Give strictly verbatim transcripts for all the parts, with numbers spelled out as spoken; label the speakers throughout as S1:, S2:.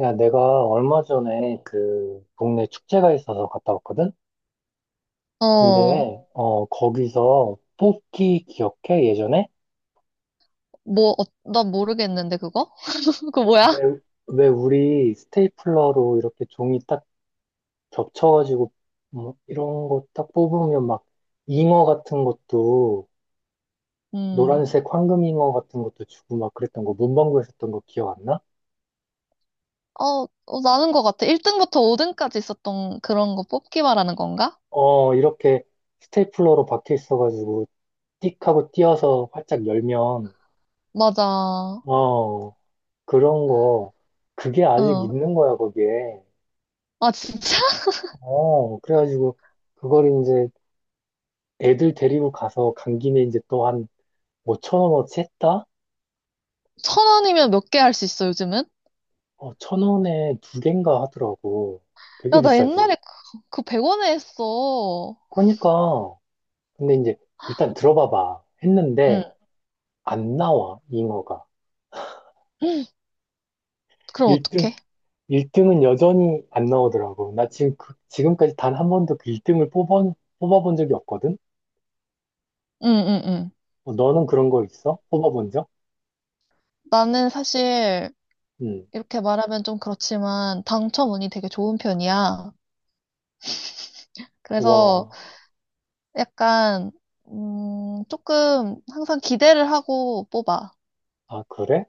S1: 야, 내가 얼마 전에 그 동네 축제가 있어서 갔다 왔거든? 근데,
S2: 어,
S1: 어, 거기서 뽑기 기억해? 예전에?
S2: 뭐, 어, 나 모르겠는데, 그거? 그거 뭐야?
S1: 왜, 왜 우리 스테이플러로 이렇게 종이 딱 겹쳐가지고, 뭐 이런 거 딱 뽑으면 막 잉어 같은 것도,
S2: 음,
S1: 노란색 황금 잉어 같은 것도 주고 막 그랬던 거, 문방구에서 했던 거 기억 안 나?
S2: 어, 어, 나는 것 같아. 일 등부터 오 등까지 있었던 그런 거 뽑기 말하는 건가?
S1: 어, 이렇게 스테이플러로 박혀 있어가지고, 띡 하고 띄어서 활짝 열면,
S2: 맞아. 어.
S1: 어, 그런 거, 그게 아직 있는 거야, 거기에.
S2: 아, 진짜?
S1: 어, 그래가지고, 그걸 이제 애들 데리고 가서 간 김에 이제 또 한 5천 원어치 했다?
S2: 천 원이면 몇 개 할 수 있어, 요즘은?
S1: 어, 천 원에 두 갠가 하더라고. 되게
S2: 야, 나
S1: 비싸지.
S2: 옛날에 그, 그 백 원에 했어.
S1: 그러니까, 근데 이제 일단 들어봐봐. 했는데,
S2: 응.
S1: 안 나와, 잉어가.
S2: 그럼
S1: 일 등,
S2: 어떡해?
S1: 일등은 여전히 안 나오더라고. 나 지금, 그- 지금까지 단 한 번도 그 일 등을 뽑아, 뽑아본 적이 없거든?
S2: 응, 응, 응.
S1: 어, 너는 그런 거 있어? 뽑아본 적?
S2: 나는 사실,
S1: 응.
S2: 이렇게 말하면 좀 그렇지만, 당첨운이 되게 좋은 편이야. 그래서,
S1: 와,
S2: 약간, 음, 조금 항상 기대를 하고 뽑아.
S1: 아, 그래?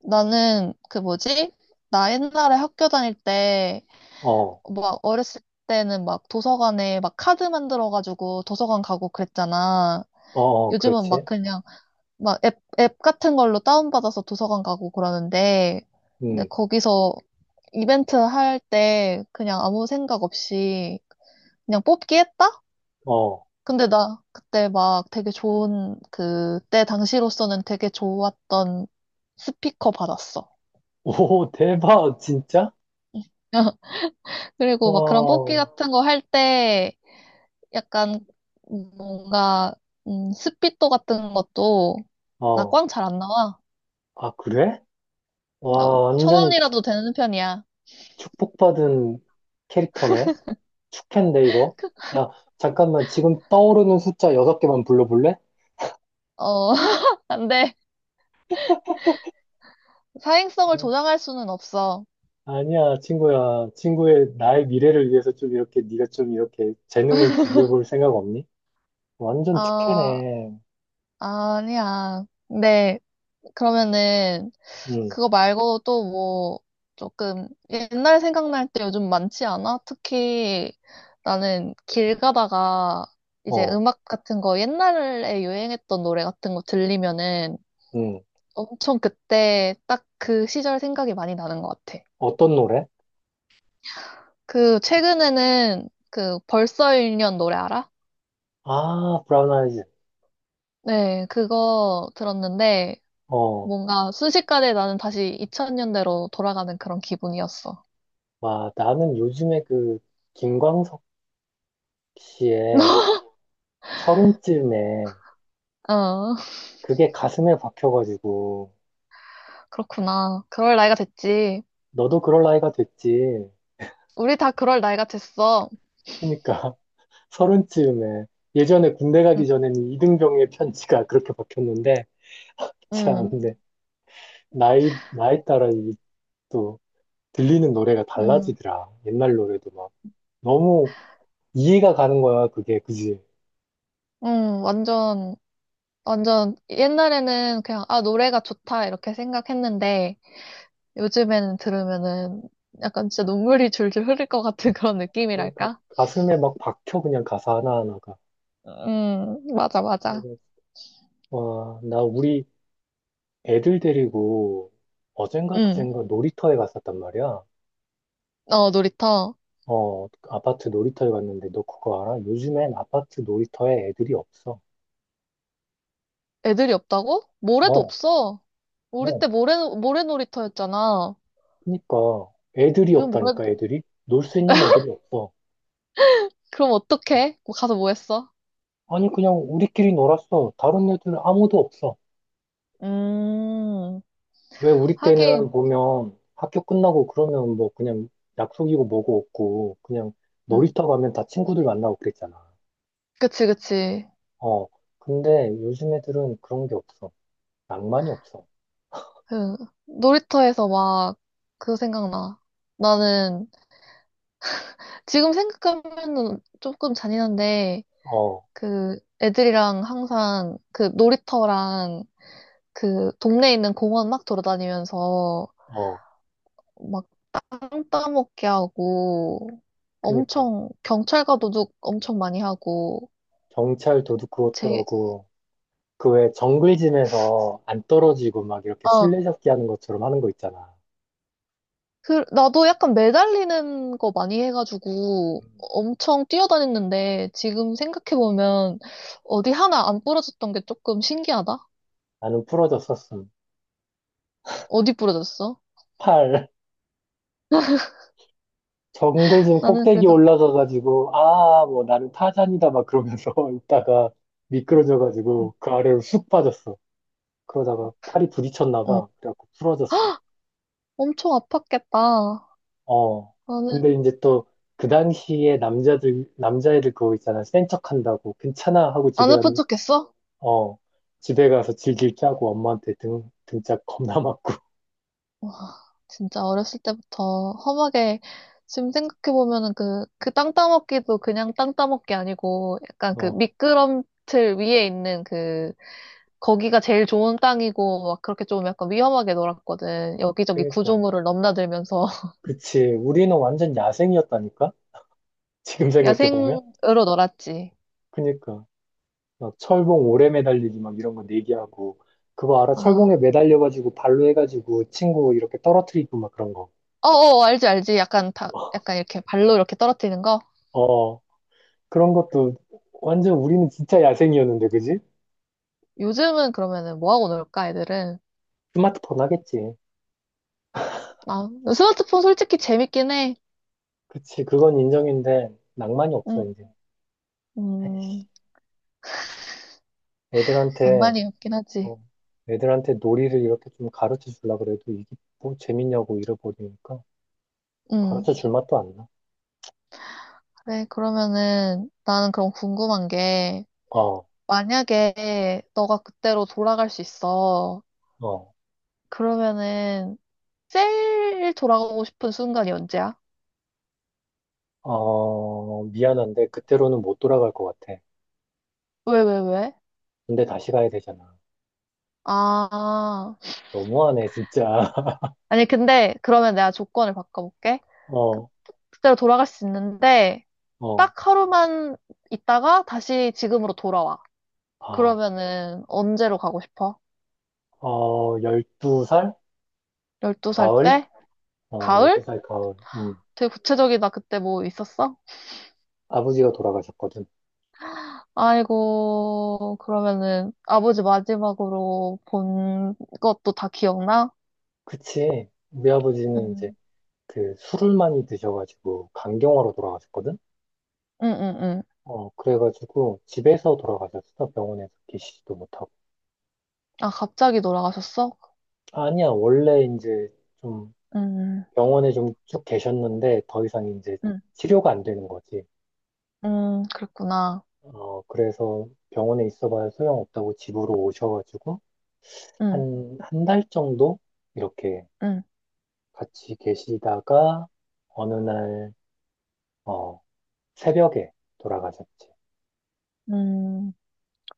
S2: 나는 그 뭐지? 나 옛날에 학교 다닐 때,
S1: 어, 어,
S2: 막 어렸을 때는 막 도서관에 막 카드 만들어가지고 도서관 가고 그랬잖아.
S1: 어,
S2: 요즘은 막
S1: 그렇지.
S2: 그냥 막 앱, 앱 같은 걸로 다운받아서 도서관 가고 그러는데, 근데
S1: 음,
S2: 거기서 이벤트 할 때 그냥 아무 생각 없이 그냥 뽑기 했다?
S1: 어.
S2: 근데 나 그때 막 되게 좋은, 그때 당시로서는 되게 좋았던 스피커 받았어.
S1: 오, 대박, 진짜?
S2: 그리고 막 그런 뽑기
S1: 와,
S2: 같은 거 할 때 약간 뭔가, 음, 스피또 같은 것도 나
S1: 어.
S2: 꽝 잘 안 나와.
S1: 아, 그래?
S2: 나
S1: 와,
S2: 천
S1: 완전히 축,
S2: 원이라도 되는 편이야.
S1: 축복받은 캐릭터네. 축캔데, 이거? 야, 잠깐만, 지금 떠오르는 숫자 여섯 개만 불러볼래?
S2: 어, 근데 사행성을
S1: 어,
S2: 조장할 수는 없어.
S1: 아니야, 친구야. 친구의 나의 미래를 위해서 좀 이렇게, 네가 좀 이렇게 재능을 기부해볼 생각 없니? 완전
S2: 아,
S1: 축캐네.
S2: 아니야. 네, 그러면은
S1: 응.
S2: 그거 말고 또 뭐, 조금 옛날 생각날 때 요즘 많지 않아? 특히 나는 길 가다가 이제
S1: 어,
S2: 음악 같은 거 옛날에 유행했던 노래 같은 거 들리면은
S1: 응.
S2: 엄청 그때 딱 그 시절 생각이 많이 나는 것 같아.
S1: 어떤 노래?
S2: 그 최근에는 그 벌써 일 년 노래 알아?
S1: 아, 브라운 아이즈.
S2: 네, 그거 들었는데
S1: 어.
S2: 뭔가 순식간에 나는 다시 이천년대로 돌아가는 그런 기분이었어.
S1: 와, 나는 요즘에 그 김광석 씨의 서른쯤에
S2: 어,
S1: 그게 가슴에 박혀가지고
S2: 그렇구나. 그럴 나이가 됐지.
S1: 너도 그럴 나이가 됐지.
S2: 우리 다 그럴 나이가 됐어.
S1: 그러니까 서른쯤에 예전에 군대
S2: 응,
S1: 가기 전에는 이등병의 편지가 그렇게 박혔는데 참,
S2: 응,
S1: 근데 나이 나이 따라 이또 들리는 노래가
S2: 응,
S1: 달라지더라. 옛날 노래도 막 너무 이해가 가는 거야 그게 그지.
S2: 응, 완전, 완전, 옛날에는 그냥, 아, 노래가 좋다, 이렇게 생각했는데, 요즘에는 들으면은, 약간 진짜 눈물이 줄줄 흐를 것 같은 그런
S1: 그러니까
S2: 느낌이랄까?
S1: 가슴에 막 박혀 그냥 가사 하나하나가.
S2: 응, 맞아, 맞아.
S1: 그래서 와, 나 우리 애들 데리고 어젠가
S2: 응,
S1: 그젠가 놀이터에 갔었단 말이야.
S2: 어, 놀이터.
S1: 어, 아파트 놀이터에 갔는데 너 그거 알아? 요즘엔 아파트 놀이터에 애들이 없어.
S2: 애들이 없다고? 모래도
S1: 어,
S2: 없어. 우리
S1: 어.
S2: 때 모래, 모래 놀이터였잖아.
S1: 그니까 애들이
S2: 요즘 모래,
S1: 없다니까 애들이? 놀 수 있는 애들이 없어.
S2: 그럼 어떡해? 뭐 가서 뭐 했어?
S1: 아니 그냥 우리끼리 놀았어. 다른 애들은 아무도 없어.
S2: 음,
S1: 왜 우리 때는
S2: 하긴,
S1: 보면 학교 끝나고 그러면 뭐 그냥 약속이고 뭐고 없고 그냥
S2: 응.
S1: 놀이터 가면 다 친구들 만나고 그랬잖아.
S2: 그치, 그치.
S1: 어, 근데 요즘 애들은 그런 게 없어. 낭만이 없어.
S2: 그 놀이터에서 막 그거 생각나. 나는 지금 생각하면은 조금 잔인한데
S1: 어,
S2: 그 애들이랑 항상 그 놀이터랑 그 동네에 있는 공원 막 돌아다니면서
S1: 어,
S2: 막 땅 따먹게 하고
S1: 그니까.
S2: 엄청 경찰과도둑 엄청 많이 하고
S1: 경찰 도둑
S2: 제
S1: 그것더라고. 그 왜 정글짐에서 안 떨어지고 막 이렇게
S2: 어
S1: 술래잡기 하는 것처럼 하는 거 있잖아.
S2: 그, 나도 약간 매달리는 거 많이 해가지고
S1: 음.
S2: 엄청 뛰어다녔는데 지금 생각해보면 어디 하나 안 부러졌던 게 조금 신기하다?
S1: 나는 부러졌었음.
S2: 어디 부러졌어?
S1: 팔. 정글짐
S2: 나는
S1: 꼭대기
S2: 그래도,
S1: 올라가가지고, 아, 뭐 나는 타잔이다 막 그러면서 있다가
S2: 음,
S1: 미끄러져가지고 그 아래로 쑥 빠졌어. 그러다가 팔이 부딪혔나
S2: 어,
S1: 봐. 그래갖고 부러졌어.
S2: 엄청 아팠겠다.
S1: 어.
S2: 나는
S1: 근데 이제 또 그 당시에 남자들, 남자애들 그거 있잖아. 센 척한다고. 괜찮아 하고
S2: 안
S1: 집에
S2: 아픈
S1: 갔는데
S2: 척했어?
S1: 어, 집에 가서 질질 짜고 엄마한테 등, 등짝 겁나 맞고.
S2: 와, 진짜 어렸을 때부터 험하게 지금 생각해보면은 그, 그 땅 따먹기도 그냥 땅 따먹기 아니고 약간 그
S1: 어,
S2: 미끄럼틀 위에 있는 그 거기가 제일 좋은 땅이고 막 그렇게 좀 약간 위험하게 놀았거든. 여기저기
S1: 그니까.
S2: 구조물을 넘나들면서
S1: 그치. 우리는 완전 야생이었다니까? 지금 생각해보면?
S2: 야생으로 놀았지.
S1: 그니까. 막 철봉 오래 매달리기 막 이런 거 내기하고. 그거 알아?
S2: 아,
S1: 철봉에 매달려가지고 발로 해가지고 친구 이렇게 떨어뜨리고 막 그런 거.
S2: 어어 알지 알지. 약간 다 약간 이렇게 발로 이렇게 떨어뜨리는 거.
S1: 어, 그런 것도 완전 우리는 진짜 야생이었는데, 그지?
S2: 요즘은 그러면은 뭐 하고 놀까 애들은?
S1: 스마트폰 하겠지.
S2: 아, 스마트폰 솔직히 재밌긴 해.
S1: 그치. 그건 인정인데 낭만이 없어,
S2: 음,
S1: 이제.
S2: 음,
S1: 애들한테
S2: 낭만이 없긴 하지.
S1: 어, 애들한테 놀이를 이렇게 좀 가르쳐 주려 그래도 이게 뭐 재밌냐고 잃어버리니까
S2: 음,
S1: 가르쳐 줄 맛도 안 나.
S2: 그래 그러면은 나는 그럼 궁금한 게
S1: 어,
S2: 만약에 너가 그때로 돌아갈 수 있어.
S1: 어,
S2: 그러면은 제일 돌아가고 싶은 순간이 언제야?
S1: 어, 미안한데 그때로는 못 돌아갈 것 같아.
S2: 왜, 왜, 왜?
S1: 근데 다시 가야 되잖아.
S2: 아,
S1: 너무하네, 진짜.
S2: 아니, 근데 그러면 내가 조건을 바꿔볼게. 그-
S1: 어,
S2: 그때로 돌아갈 수 있는데,
S1: 어,
S2: 딱 하루만 있다가 다시 지금으로 돌아와.
S1: 아,
S2: 그러면은 언제로 가고 싶어?
S1: 어, 열두 살?
S2: 열두 살
S1: 가을?
S2: 때?
S1: 어,
S2: 가을?
S1: 열두 살 가을. 음,
S2: 되게 구체적이다. 그때 뭐 있었어?
S1: 아버지가 돌아가셨거든.
S2: 아이고, 그러면은 아버지 마지막으로 본 것도 다 기억나?
S1: 그치. 우리 아버지는 이제
S2: 음,
S1: 그 술을 많이 드셔가지고 간경화로 돌아가셨거든.
S2: 응, 응, 응.
S1: 어, 그래가지고 집에서 돌아가셨어. 병원에서 계시지도 못하고.
S2: 아, 갑자기 돌아가셨어?
S1: 아니야, 원래 이제 좀
S2: 음.
S1: 병원에 좀 쭉 계셨는데 더 이상 이제
S2: 음.
S1: 치료가 안 되는 거지.
S2: 음, 그랬구나.
S1: 어, 그래서 병원에 있어봐야 소용없다고 집으로 오셔가지고
S2: 응,
S1: 한, 한 달 정도 이렇게
S2: 응,
S1: 같이 계시다가 어느 날, 어, 새벽에 돌아가셨지.
S2: 음.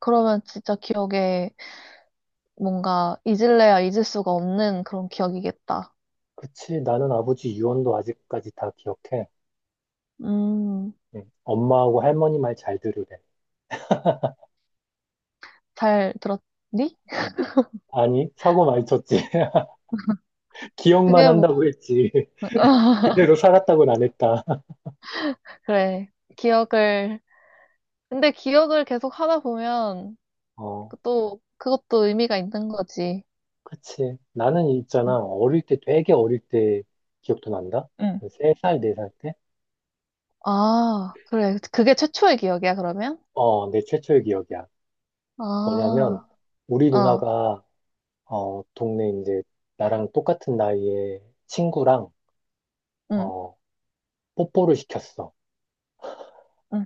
S2: 그러면 진짜 기억에 뭔가 잊을래야 잊을 수가 없는 그런 기억이겠다.
S1: 그치, 나는 아버지 유언도 아직까지 다 기억해.
S2: 음,
S1: 응. 엄마하고 할머니 말 잘 들으래.
S2: 잘 들었니?
S1: 아니, 사고 많이 쳤지. 기억만
S2: 그게 뭐,
S1: 한다고 했지. 그대로 살았다고는 안 했다.
S2: 그래. 기억을, 근데 기억을 계속 하다 보면
S1: 어,
S2: 또 그것도 의미가 있는 거지.
S1: 그치. 나는 있잖아.
S2: 응,
S1: 어릴 때, 되게 어릴 때 기억도 난다?
S2: 응.
S1: 한 세 살, 네 살 때?
S2: 아, 그래. 그게 최초의 기억이야, 그러면?
S1: 어, 내 최초의 기억이야.
S2: 아,
S1: 뭐냐면, 우리
S2: 어,
S1: 누나가, 어, 동네 이제, 나랑 똑같은 나이에 친구랑,
S2: 응,
S1: 어, 뽀뽀를 시켰어.
S2: 응.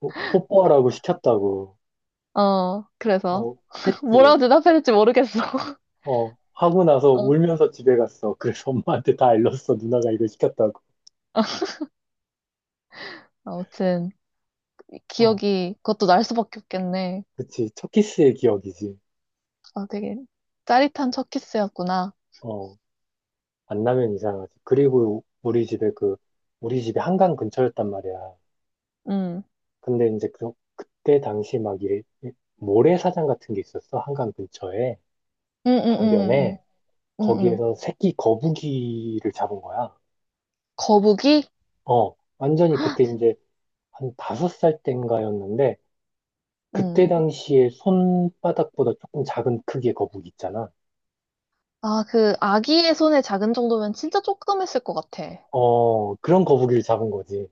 S1: 뽀- 뽀뽀하라고 시켰다고,
S2: 어, 그래서.
S1: 어, 했지.
S2: 뭐라고 대답해야 될지 모르겠어.
S1: 어, 하고 나서
S2: 어,
S1: 울면서 집에 갔어. 그래서 엄마한테 다 일렀어. 누나가 이걸 시켰다고.
S2: 아무튼.
S1: 어,
S2: 기억이 그것도 날 수밖에 없겠네.
S1: 그치. 첫 키스의 기억이지.
S2: 아, 되게 짜릿한 첫 키스였구나.
S1: 어, 만나면 이상하지. 그리고 우리 집에 그, 우리 집이 한강 근처였단 말이야.
S2: 음,
S1: 근데 이제 그, 그때 당시 막 이, 이 모래사장 같은 게 있었어. 한강 근처에.
S2: 음, 음, 음, 음,
S1: 강변에.
S2: 음. 음. 음.
S1: 거기에서 새끼 거북이를 잡은 거야.
S2: 거북이?
S1: 어, 완전히 그때 이제 한 다섯 살 땐가였는데,
S2: 음.
S1: 그때 당시에 손바닥보다 조금 작은 크기의 거북이 있잖아.
S2: 아, 그 아기의 손의 작은 정도면 진짜 조금 했을 것 같아.
S1: 어, 그런 거북이를 잡은 거지.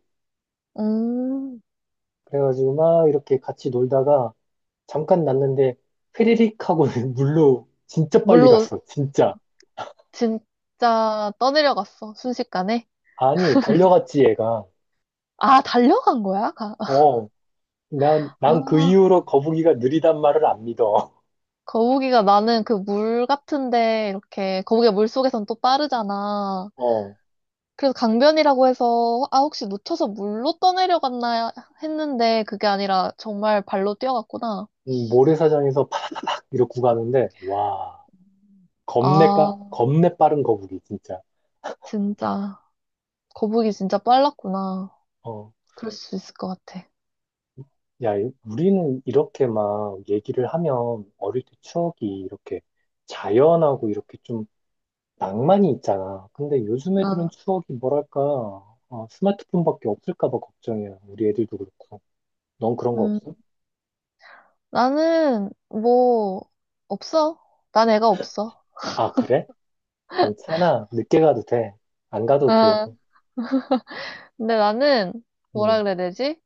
S2: 음,
S1: 그래가지고 막 이렇게 같이 놀다가 잠깐 났는데 휘리릭 하고 물로 진짜 빨리
S2: 물로
S1: 갔어. 진짜.
S2: 진짜 떠내려갔어, 순식간에.
S1: 아니, 달려갔지, 얘가.
S2: 아, 달려간 거야? 가-
S1: 어, 난, 난 그
S2: 아,
S1: 이후로 거북이가 느리단 말을 안 믿어.
S2: 거북이가 나는 그 물 같은데, 이렇게, 거북이가 물 속에선 또 빠르잖아.
S1: 어,
S2: 그래서 강변이라고 해서 아 혹시 놓쳐서 물로 떠내려갔나 했는데 그게 아니라 정말 발로 뛰어갔구나.
S1: 음, 모래사장에서 팍 이러고 가는데, 와, 겁내
S2: 아
S1: 까, 겁내 빠른 거북이, 진짜.
S2: 진짜 거북이 진짜 빨랐구나.
S1: 어,
S2: 그럴 수 있을 것 같아.
S1: 야, 이- 우리는 이렇게 막 얘기를 하면 어릴 때 추억이 이렇게 자연하고 이렇게 낭만이 있잖아. 근데 요즘 애들은
S2: 어,
S1: 추억이 뭐랄까, 어, 스마트폰밖에 없을까 봐 걱정이야. 우리 애들도 그렇고. 넌 그런 거
S2: 음
S1: 없어?
S2: 나는 뭐 없어. 난 애가 없어.
S1: 아, 그래? 괜찮아. 늦게 가도 돼. 안 가도
S2: 아
S1: 되고.
S2: 근데 나는 뭐라
S1: 음,
S2: 그래야 되지?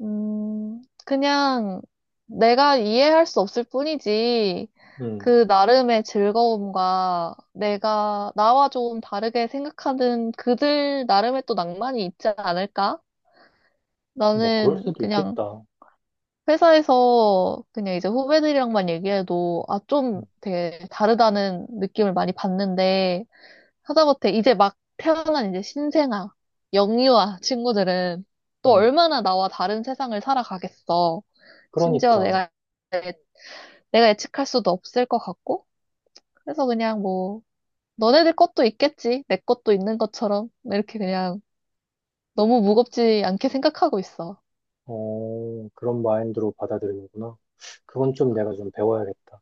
S2: 음 그냥 내가 이해할 수 없을 뿐이지.
S1: 음.
S2: 그 나름의 즐거움과 내가 나와 좀 다르게 생각하는 그들 나름의 또 낭만이 있지 않을까?
S1: 뭐, 그럴
S2: 나는
S1: 수도
S2: 그냥
S1: 있겠다.
S2: 회사에서 그냥 이제 후배들이랑만 얘기해도 아, 좀
S1: 음,
S2: 되게 다르다는 느낌을 많이 받는데 하다못해 이제 막 태어난 이제 신생아, 영유아 친구들은 또
S1: 음.
S2: 얼마나 나와 다른 세상을 살아가겠어. 심지어
S1: 그러니까,
S2: 내가, 내가 예측할 수도 없을 것 같고. 그래서 그냥 뭐 너네들 것도 있겠지. 내 것도 있는 것처럼. 이렇게 그냥 너무 무겁지 않게 생각하고 있어.
S1: 어, 그런 마인드로 받아들이는구나. 그건 좀 내가 좀 배워야겠다.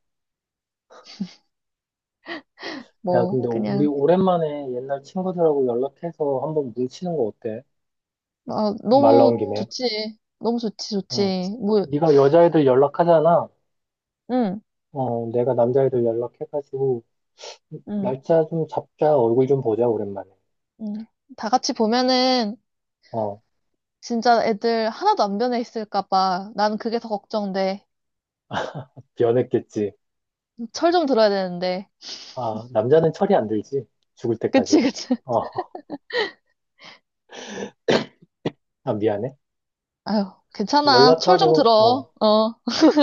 S1: 야,
S2: 뭐,
S1: 근데 우리
S2: 그냥,
S1: 오랜만에 옛날 친구들하고 연락해서 한번 뭉치는 거 어때?
S2: 아,
S1: 말
S2: 너무
S1: 나온 김에.
S2: 좋지. 너무 좋지,
S1: 응.
S2: 좋지. 뭐,
S1: 네가 여자애들 연락하잖아.
S2: 응,
S1: 어, 내가 남자애들 연락해가지고,
S2: 응,
S1: 날짜 좀 잡자, 얼굴 좀 보자, 오랜만에.
S2: 응. 다 같이 보면은
S1: 어,
S2: 진짜 애들 하나도 안 변해 있을까 봐. 난 그게 더 걱정돼.
S1: 변했겠지.
S2: 철 좀 들어야 되는데.
S1: 아, 남자는 철이 안 들지. 죽을 때까지.
S2: 그치, 그치.
S1: 어, 아, 미안해.
S2: 아유, 괜찮아. 철 좀
S1: 연락하고, 어,
S2: 들어. 어,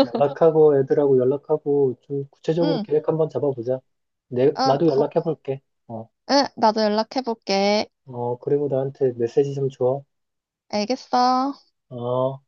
S1: 연락하고, 애들하고 연락하고, 좀 구체적으로
S2: 응.
S1: 계획 한번 잡아보자. 내,
S2: 아,
S1: 나도
S2: 거,
S1: 연락해볼게. 어,
S2: 응, 나도 연락해볼게.
S1: 어, 그리고 나한테 메시지 좀 줘.
S2: 알겠어.
S1: 어.